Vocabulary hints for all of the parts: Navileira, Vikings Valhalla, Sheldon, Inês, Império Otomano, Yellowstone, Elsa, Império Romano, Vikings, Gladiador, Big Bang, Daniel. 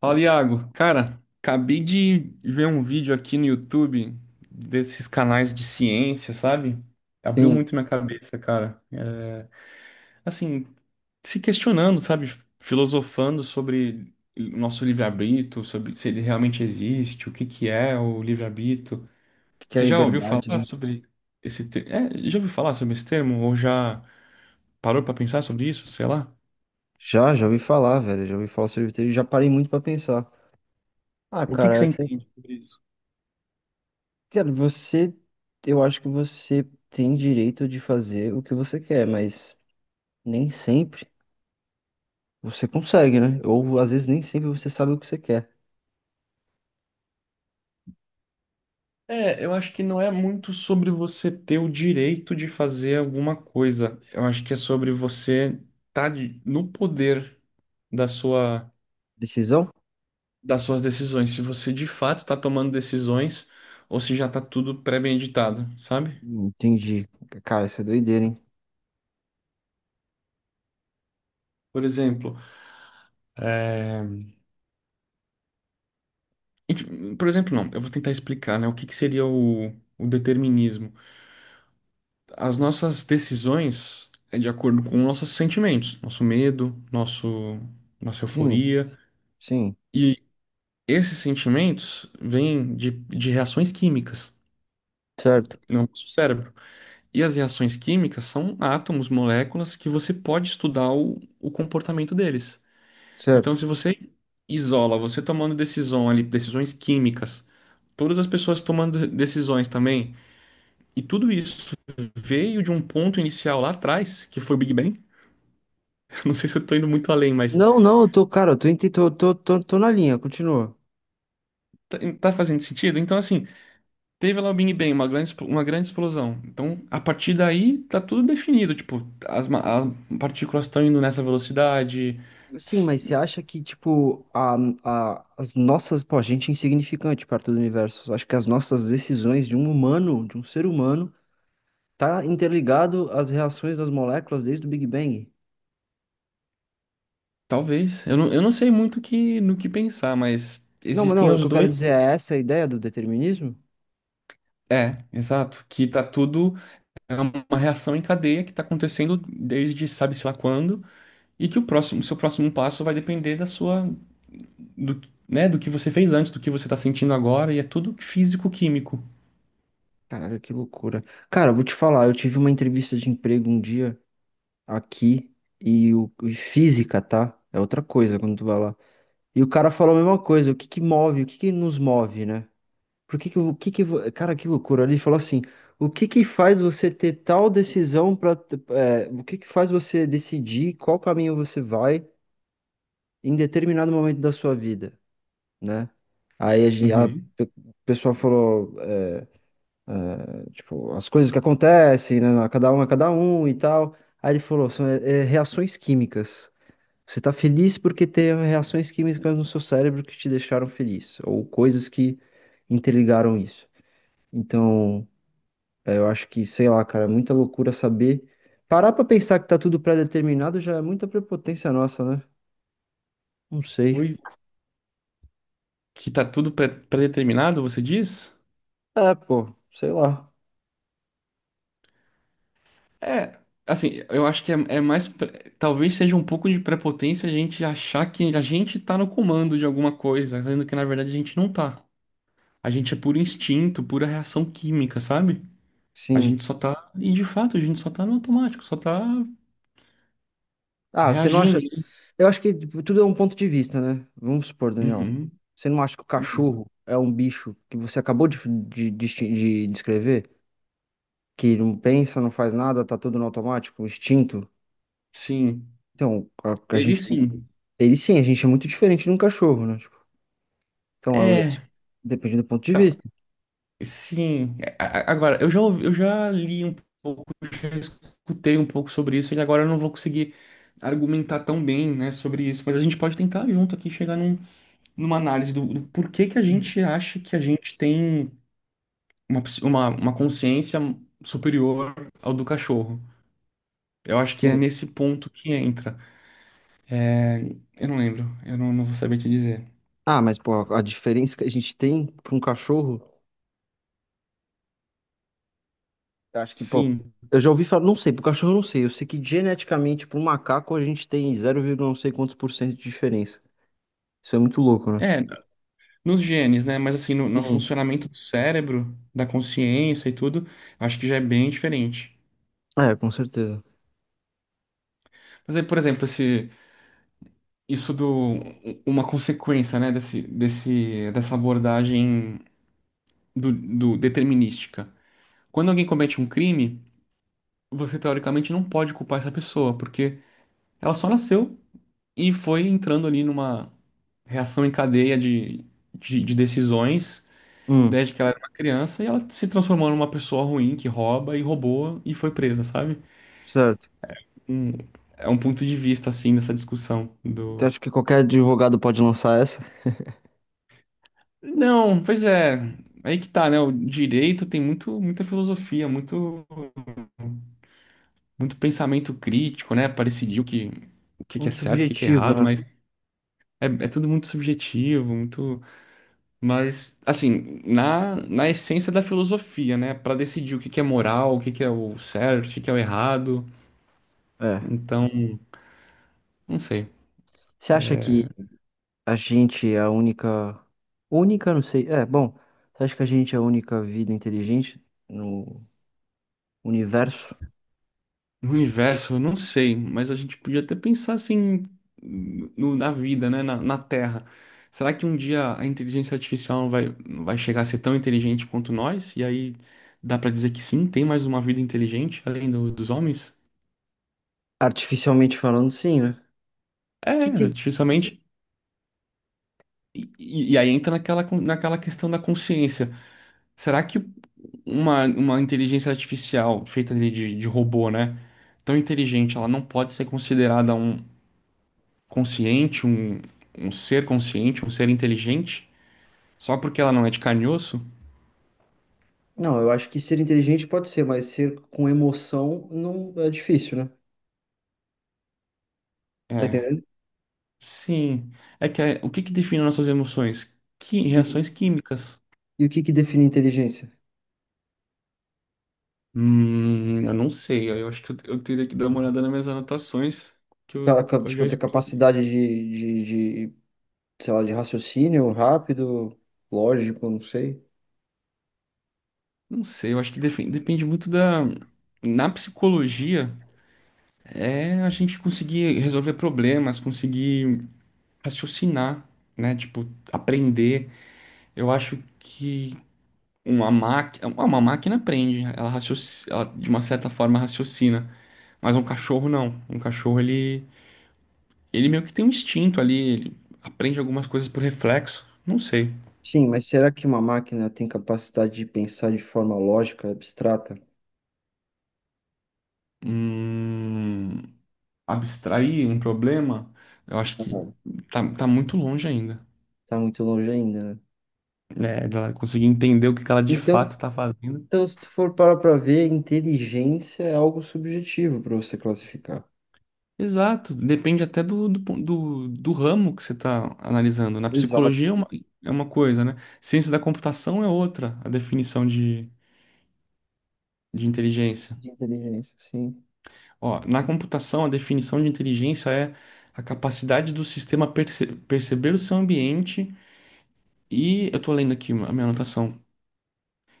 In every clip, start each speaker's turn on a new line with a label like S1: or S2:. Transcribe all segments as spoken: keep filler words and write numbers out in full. S1: Fala, Iago. Cara, acabei de ver um vídeo aqui no YouTube desses canais de ciência, sabe? Abriu
S2: Sim,
S1: muito
S2: o
S1: minha cabeça, cara. É, assim, se questionando, sabe? Filosofando sobre o nosso livre-arbítrio, sobre se ele realmente existe, o que que é o livre-arbítrio.
S2: que que é
S1: Você já ouviu
S2: liberdade,
S1: falar
S2: né?
S1: sobre esse termo? Já ouviu falar sobre esse termo? Ou já parou pra pensar sobre isso? Sei lá.
S2: Já, já ouvi falar, velho. Já ouvi falar sobre vitreiro e já parei muito pra pensar. Ah,
S1: O que que
S2: cara,
S1: você
S2: você,
S1: entende sobre isso?
S2: cara, você, eu acho que você tem direito de fazer o que você quer, mas nem sempre você consegue, né? Ou às vezes nem sempre você sabe o que você quer.
S1: É, eu acho que não é muito sobre você ter o direito de fazer alguma coisa. Eu acho que é sobre você estar no poder da sua,
S2: Decisão?
S1: das suas decisões. Se você de fato está tomando decisões ou se já está tudo pré-meditado, sabe?
S2: Hum, Entendi. Cara, isso é doideira, hein?
S1: Por exemplo, é, e, por exemplo, não, eu vou tentar explicar, né, o que que seria o, o determinismo. As nossas decisões é de acordo com nossos sentimentos, nosso medo, nosso, nossa
S2: Sim,
S1: euforia.
S2: sim.
S1: Esses sentimentos vêm de, de reações químicas
S2: Certo,
S1: no nosso cérebro. E as reações químicas são átomos, moléculas que você pode estudar o, o comportamento deles. Então,
S2: certo.
S1: se você isola, você tomando decisão ali, decisões químicas, todas as pessoas tomando decisões também, e tudo isso veio de um ponto inicial lá atrás, que foi o Big Bang. Não sei se eu estou indo muito além, mas
S2: Não, não, eu tô, cara, eu tô, ente- tô, tô, tô, tô na linha, continua.
S1: tá, tá fazendo sentido? Então, assim. Teve lá o Big Bang, uma grande, expl- uma grande explosão. Então, a partir daí, tá tudo definido. Tipo, as, ma- as partículas estão indo nessa velocidade.
S2: Sim,
S1: Tss,
S2: mas você acha que, tipo, a, a, as nossas, pô, a gente é insignificante perto do universo. Eu acho que as nossas decisões de um humano, de um ser humano, tá interligado às reações das moléculas desde o Big Bang.
S1: Talvez. Eu não, eu não sei muito que, no que pensar, mas
S2: Não, mas
S1: existem
S2: não, o
S1: os
S2: que eu quero
S1: dois.
S2: dizer é essa a ideia do determinismo?
S1: É, exato. Que tá tudo. É uma reação em cadeia que tá acontecendo desde sabe-se lá quando. E que o próximo, seu próximo passo vai depender da sua. Do, que- né, do que você fez antes, do que você tá sentindo agora. E é tudo físico-químico.
S2: Caralho, que loucura. Cara, eu vou te falar, eu tive uma entrevista de emprego um dia aqui e o e física, tá? É outra coisa quando tu vai lá. E o cara falou a mesma coisa, o que que move, o que que nos move, né? Por que que, o que que, vo- Cara, que loucura. Ele falou assim, o que que faz você ter tal decisão para, o que que faz você decidir qual caminho você vai em determinado momento da sua vida, né? Aí a, gen- a
S1: Uhum.
S2: pe- O pessoal falou, é, tipo, as coisas que acontecem, né? na- Cada um é cada um e tal. Aí ele falou, são é, é, reações químicas. Você tá feliz porque tem reações químicas no seu cérebro que te deixaram feliz, ou coisas que interligaram isso. Então é, eu acho que, sei lá, cara, é muita loucura saber. Parar pra pensar que tá tudo pré-determinado já é muita prepotência nossa, né? Não sei.
S1: Pois Que tá tudo pré- pré-determinado, você diz?
S2: É, pô, sei lá.
S1: É, assim, eu acho que é, é mais. pre- Talvez seja um pouco de prepotência a gente achar que a gente tá no comando de alguma coisa, sendo que na verdade a gente não tá. A gente é puro instinto, pura reação química, sabe? A
S2: Sim.
S1: gente só tá. E de fato, a gente só tá no automático, só tá
S2: Ah, você não
S1: reagindo
S2: acha.
S1: ali.
S2: Eu acho que tipo, tudo é um ponto de vista, né? Vamos supor, Daniel.
S1: Uhum.
S2: Você não acha que o cachorro é um bicho que você acabou de, de, de, de descrever? Que não pensa, não faz nada, tá tudo no automático, instinto?
S1: Sim.
S2: Então, a, a
S1: Ele
S2: gente tem.
S1: sim.
S2: Ele sim, a gente é muito diferente de um cachorro, né? Tipo, então, eu acho
S1: É.
S2: que depende do ponto de vista.
S1: Sim, a- a- agora eu já ouvi- eu já li um pouco, já escutei um pouco sobre isso e agora eu não vou conseguir argumentar tão bem, né, sobre isso, mas a gente pode tentar junto aqui chegar num- numa análise do, do porquê que a gente acha que a gente tem uma, ps- uma, uma consciência superior ao do cachorro. Eu acho que é
S2: Sim.
S1: nesse ponto que entra. Eu não lembro, eu não, não vou saber te dizer.
S2: Ah, mas pô, a diferença que a gente tem para um cachorro, eu acho que, pô,
S1: Sim.
S2: eu já ouvi falar, não sei, pro cachorro eu não sei, eu sei que geneticamente pro macaco a gente tem zero vírgula não sei quantos por cento de diferença. Isso é muito louco, né?
S1: É nos genes, né? Mas assim, no, no
S2: Sim.
S1: funcionamento do cérebro, da consciência e tudo, acho que já é bem diferente.
S2: É, com certeza.
S1: Mas aí, por exemplo, esse, isso do, uma consequência, né, desse, desse, dessa abordagem do, do determinística. Quando alguém comete um crime, você teoricamente não pode culpar essa pessoa, porque ela só nasceu e foi entrando ali numa reação em cadeia de, de, de decisões.
S2: Hum,
S1: Desde que ela era uma criança e ela se transformou numa pessoa ruim que rouba e roubou e foi presa, sabe?
S2: certo.
S1: um, é um ponto de vista, assim, nessa discussão
S2: Então
S1: do...
S2: acho que qualquer advogado pode lançar essa.
S1: Não, pois é, aí que tá, né? O direito tem muito, muita filosofia, muito, muito pensamento crítico, né? Para decidir o que, o que que é
S2: Muito
S1: certo, o que que é
S2: subjetivo,
S1: errado,
S2: né?
S1: mas é, é tudo muito subjetivo, muito... Mas, assim, na, na essência da filosofia, né? Para decidir o que que é moral, o que que é o certo, o que que é o errado,
S2: É.
S1: então, não sei.
S2: Você acha que a gente é a única. Única, não sei. É, bom. Você acha que a gente é a única vida inteligente no universo?
S1: No universo, eu não sei, mas a gente podia até pensar assim no- na vida, né? Na, na Terra. Será que um dia a inteligência artificial vai, vai chegar a ser tão inteligente quanto nós? E aí dá pra dizer que sim, tem mais uma vida inteligente além do- dos homens?
S2: Artificialmente falando, sim, né?
S1: É,
S2: que, que,
S1: artificialmente. E, e- e aí entra naquela, con- naquela questão da consciência. Será que uma, uma inteligência artificial feita ali de, de robô, né? Tão inteligente, ela não pode ser considerada um, consciente, um, um ser consciente, um ser inteligente, só porque ela não é de carne e osso?
S2: Não, eu acho que ser inteligente pode ser, mas ser com emoção não é difícil, né? Tá
S1: É,
S2: entendendo?
S1: sim. É que é- o que que define nossas emoções? Que
S2: E,
S1: reações químicas?
S2: e o que que define inteligência?
S1: Hum, eu não sei. Eu acho que eu, eu teria que dar uma olhada nas minhas anotações, que
S2: Ca-
S1: eu,
S2: ca-
S1: eu já
S2: Tipo, ter capacidade de, de, de, sei lá, de raciocínio rápido, lógico, não sei.
S1: não sei. Eu acho que defe- depende muito da na psicologia é a gente conseguir resolver problemas, conseguir raciocinar, né? Tipo, aprender. Eu acho que Uma máquina, uma máquina aprende, ela, racioci- ela de uma certa forma raciocina, mas um cachorro não. Um cachorro ele ele meio que tem um instinto ali, ele aprende algumas coisas por reflexo, não sei.
S2: Sim, mas será que uma máquina tem capacidade de pensar de forma lógica, abstrata?
S1: Hum, abstrair um problema, eu acho que
S2: Não.
S1: tá, tá muito longe ainda,
S2: Tá muito longe ainda, né?
S1: né, dela conseguir entender o que que ela de
S2: Então,
S1: fato tá fazendo.
S2: então, se tu for parar pra ver, inteligência é algo subjetivo para você classificar.
S1: Exato, depende até do, do, pon- do, do ramo que você está analisando. Na psicologia
S2: Exato,
S1: é uma, é uma coisa, né? Ciência da computação é outra, a definição de, de inteligência.
S2: de inteligência, sim.
S1: Ó, na computação, a definição de inteligência é a capacidade do sistema perce- perceber o seu ambiente e, eu estou lendo aqui a minha anotação,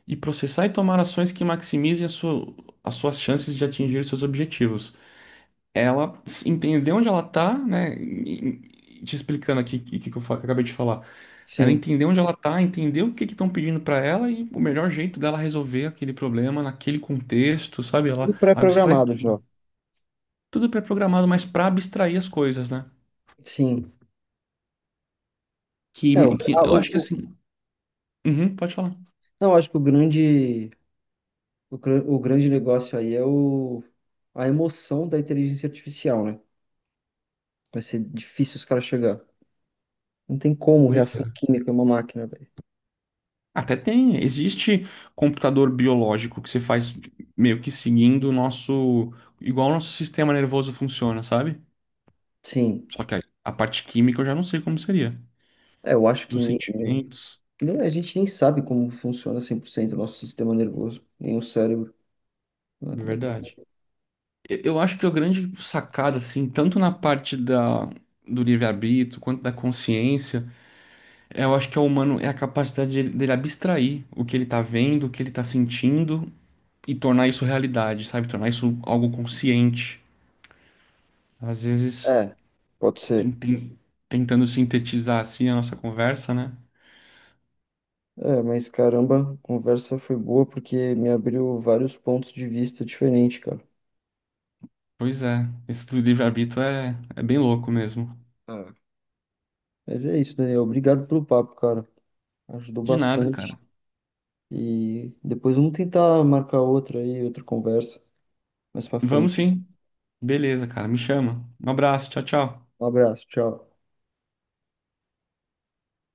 S1: e processar e tomar ações que maximizem a sua, as suas chances de atingir seus objetivos. Ela s- entender onde ela está, né? E- e- Te explicando aqui o que, que eu fa- que eu acabei de falar. Ela
S2: Sim.
S1: entender onde ela tá, entender o que que estão pedindo para ela e o melhor jeito dela resolver aquele problema naquele contexto, sabe? Ela
S2: Tudo
S1: abstrai
S2: pré-programado
S1: tudo.
S2: já.
S1: Tudo pré-programado, mas para abstrair as coisas, né?
S2: Sim. É, o,
S1: Que, que
S2: a-
S1: eu
S2: o-
S1: acho que
S2: o-
S1: assim. Uhum, pode falar.
S2: Não, acho que o grande, o, gran- o grande negócio aí é o, a emoção da inteligência artificial, né? Vai ser difícil os caras chegar. Não tem como
S1: Pois é.
S2: reação química em uma máquina, velho.
S1: Até tem, existe computador biológico que você faz meio que seguindo o nosso, igual o nosso sistema nervoso funciona, sabe?
S2: Sim.
S1: Só que a, a parte química eu já não sei como seria,
S2: É, eu acho que
S1: dos
S2: ni- ni-
S1: sentimentos,
S2: nem- a gente nem sabe como funciona cem por cento o nosso sistema nervoso, nem o cérebro, né?
S1: de
S2: Como é que...
S1: verdade. Eu eu acho que a grande sacada, assim, tanto na parte da, do livre-arbítrio quanto da consciência, é, eu acho que é o humano é a capacidade de- dele abstrair o que ele tá vendo, o que ele tá sentindo e tornar isso realidade, sabe? Tornar isso algo consciente. Às vezes,
S2: É, pode
S1: tem-
S2: ser.
S1: tem- tentando sintetizar assim a nossa conversa, né?
S2: É, mas caramba, a conversa foi boa porque me abriu vários pontos de vista diferentes, cara.
S1: Pois é, esse do livre-arbítrio é, é bem louco mesmo.
S2: É. Mas é isso, Daniel. Obrigado pelo papo, cara. Ajudou
S1: De nada,
S2: bastante.
S1: cara.
S2: E depois vamos tentar marcar outra aí, outra conversa mais pra
S1: Vamos
S2: frente.
S1: sim. Beleza, cara. Me chama. Um abraço. Tchau, tchau.
S2: Um abraço, tchau.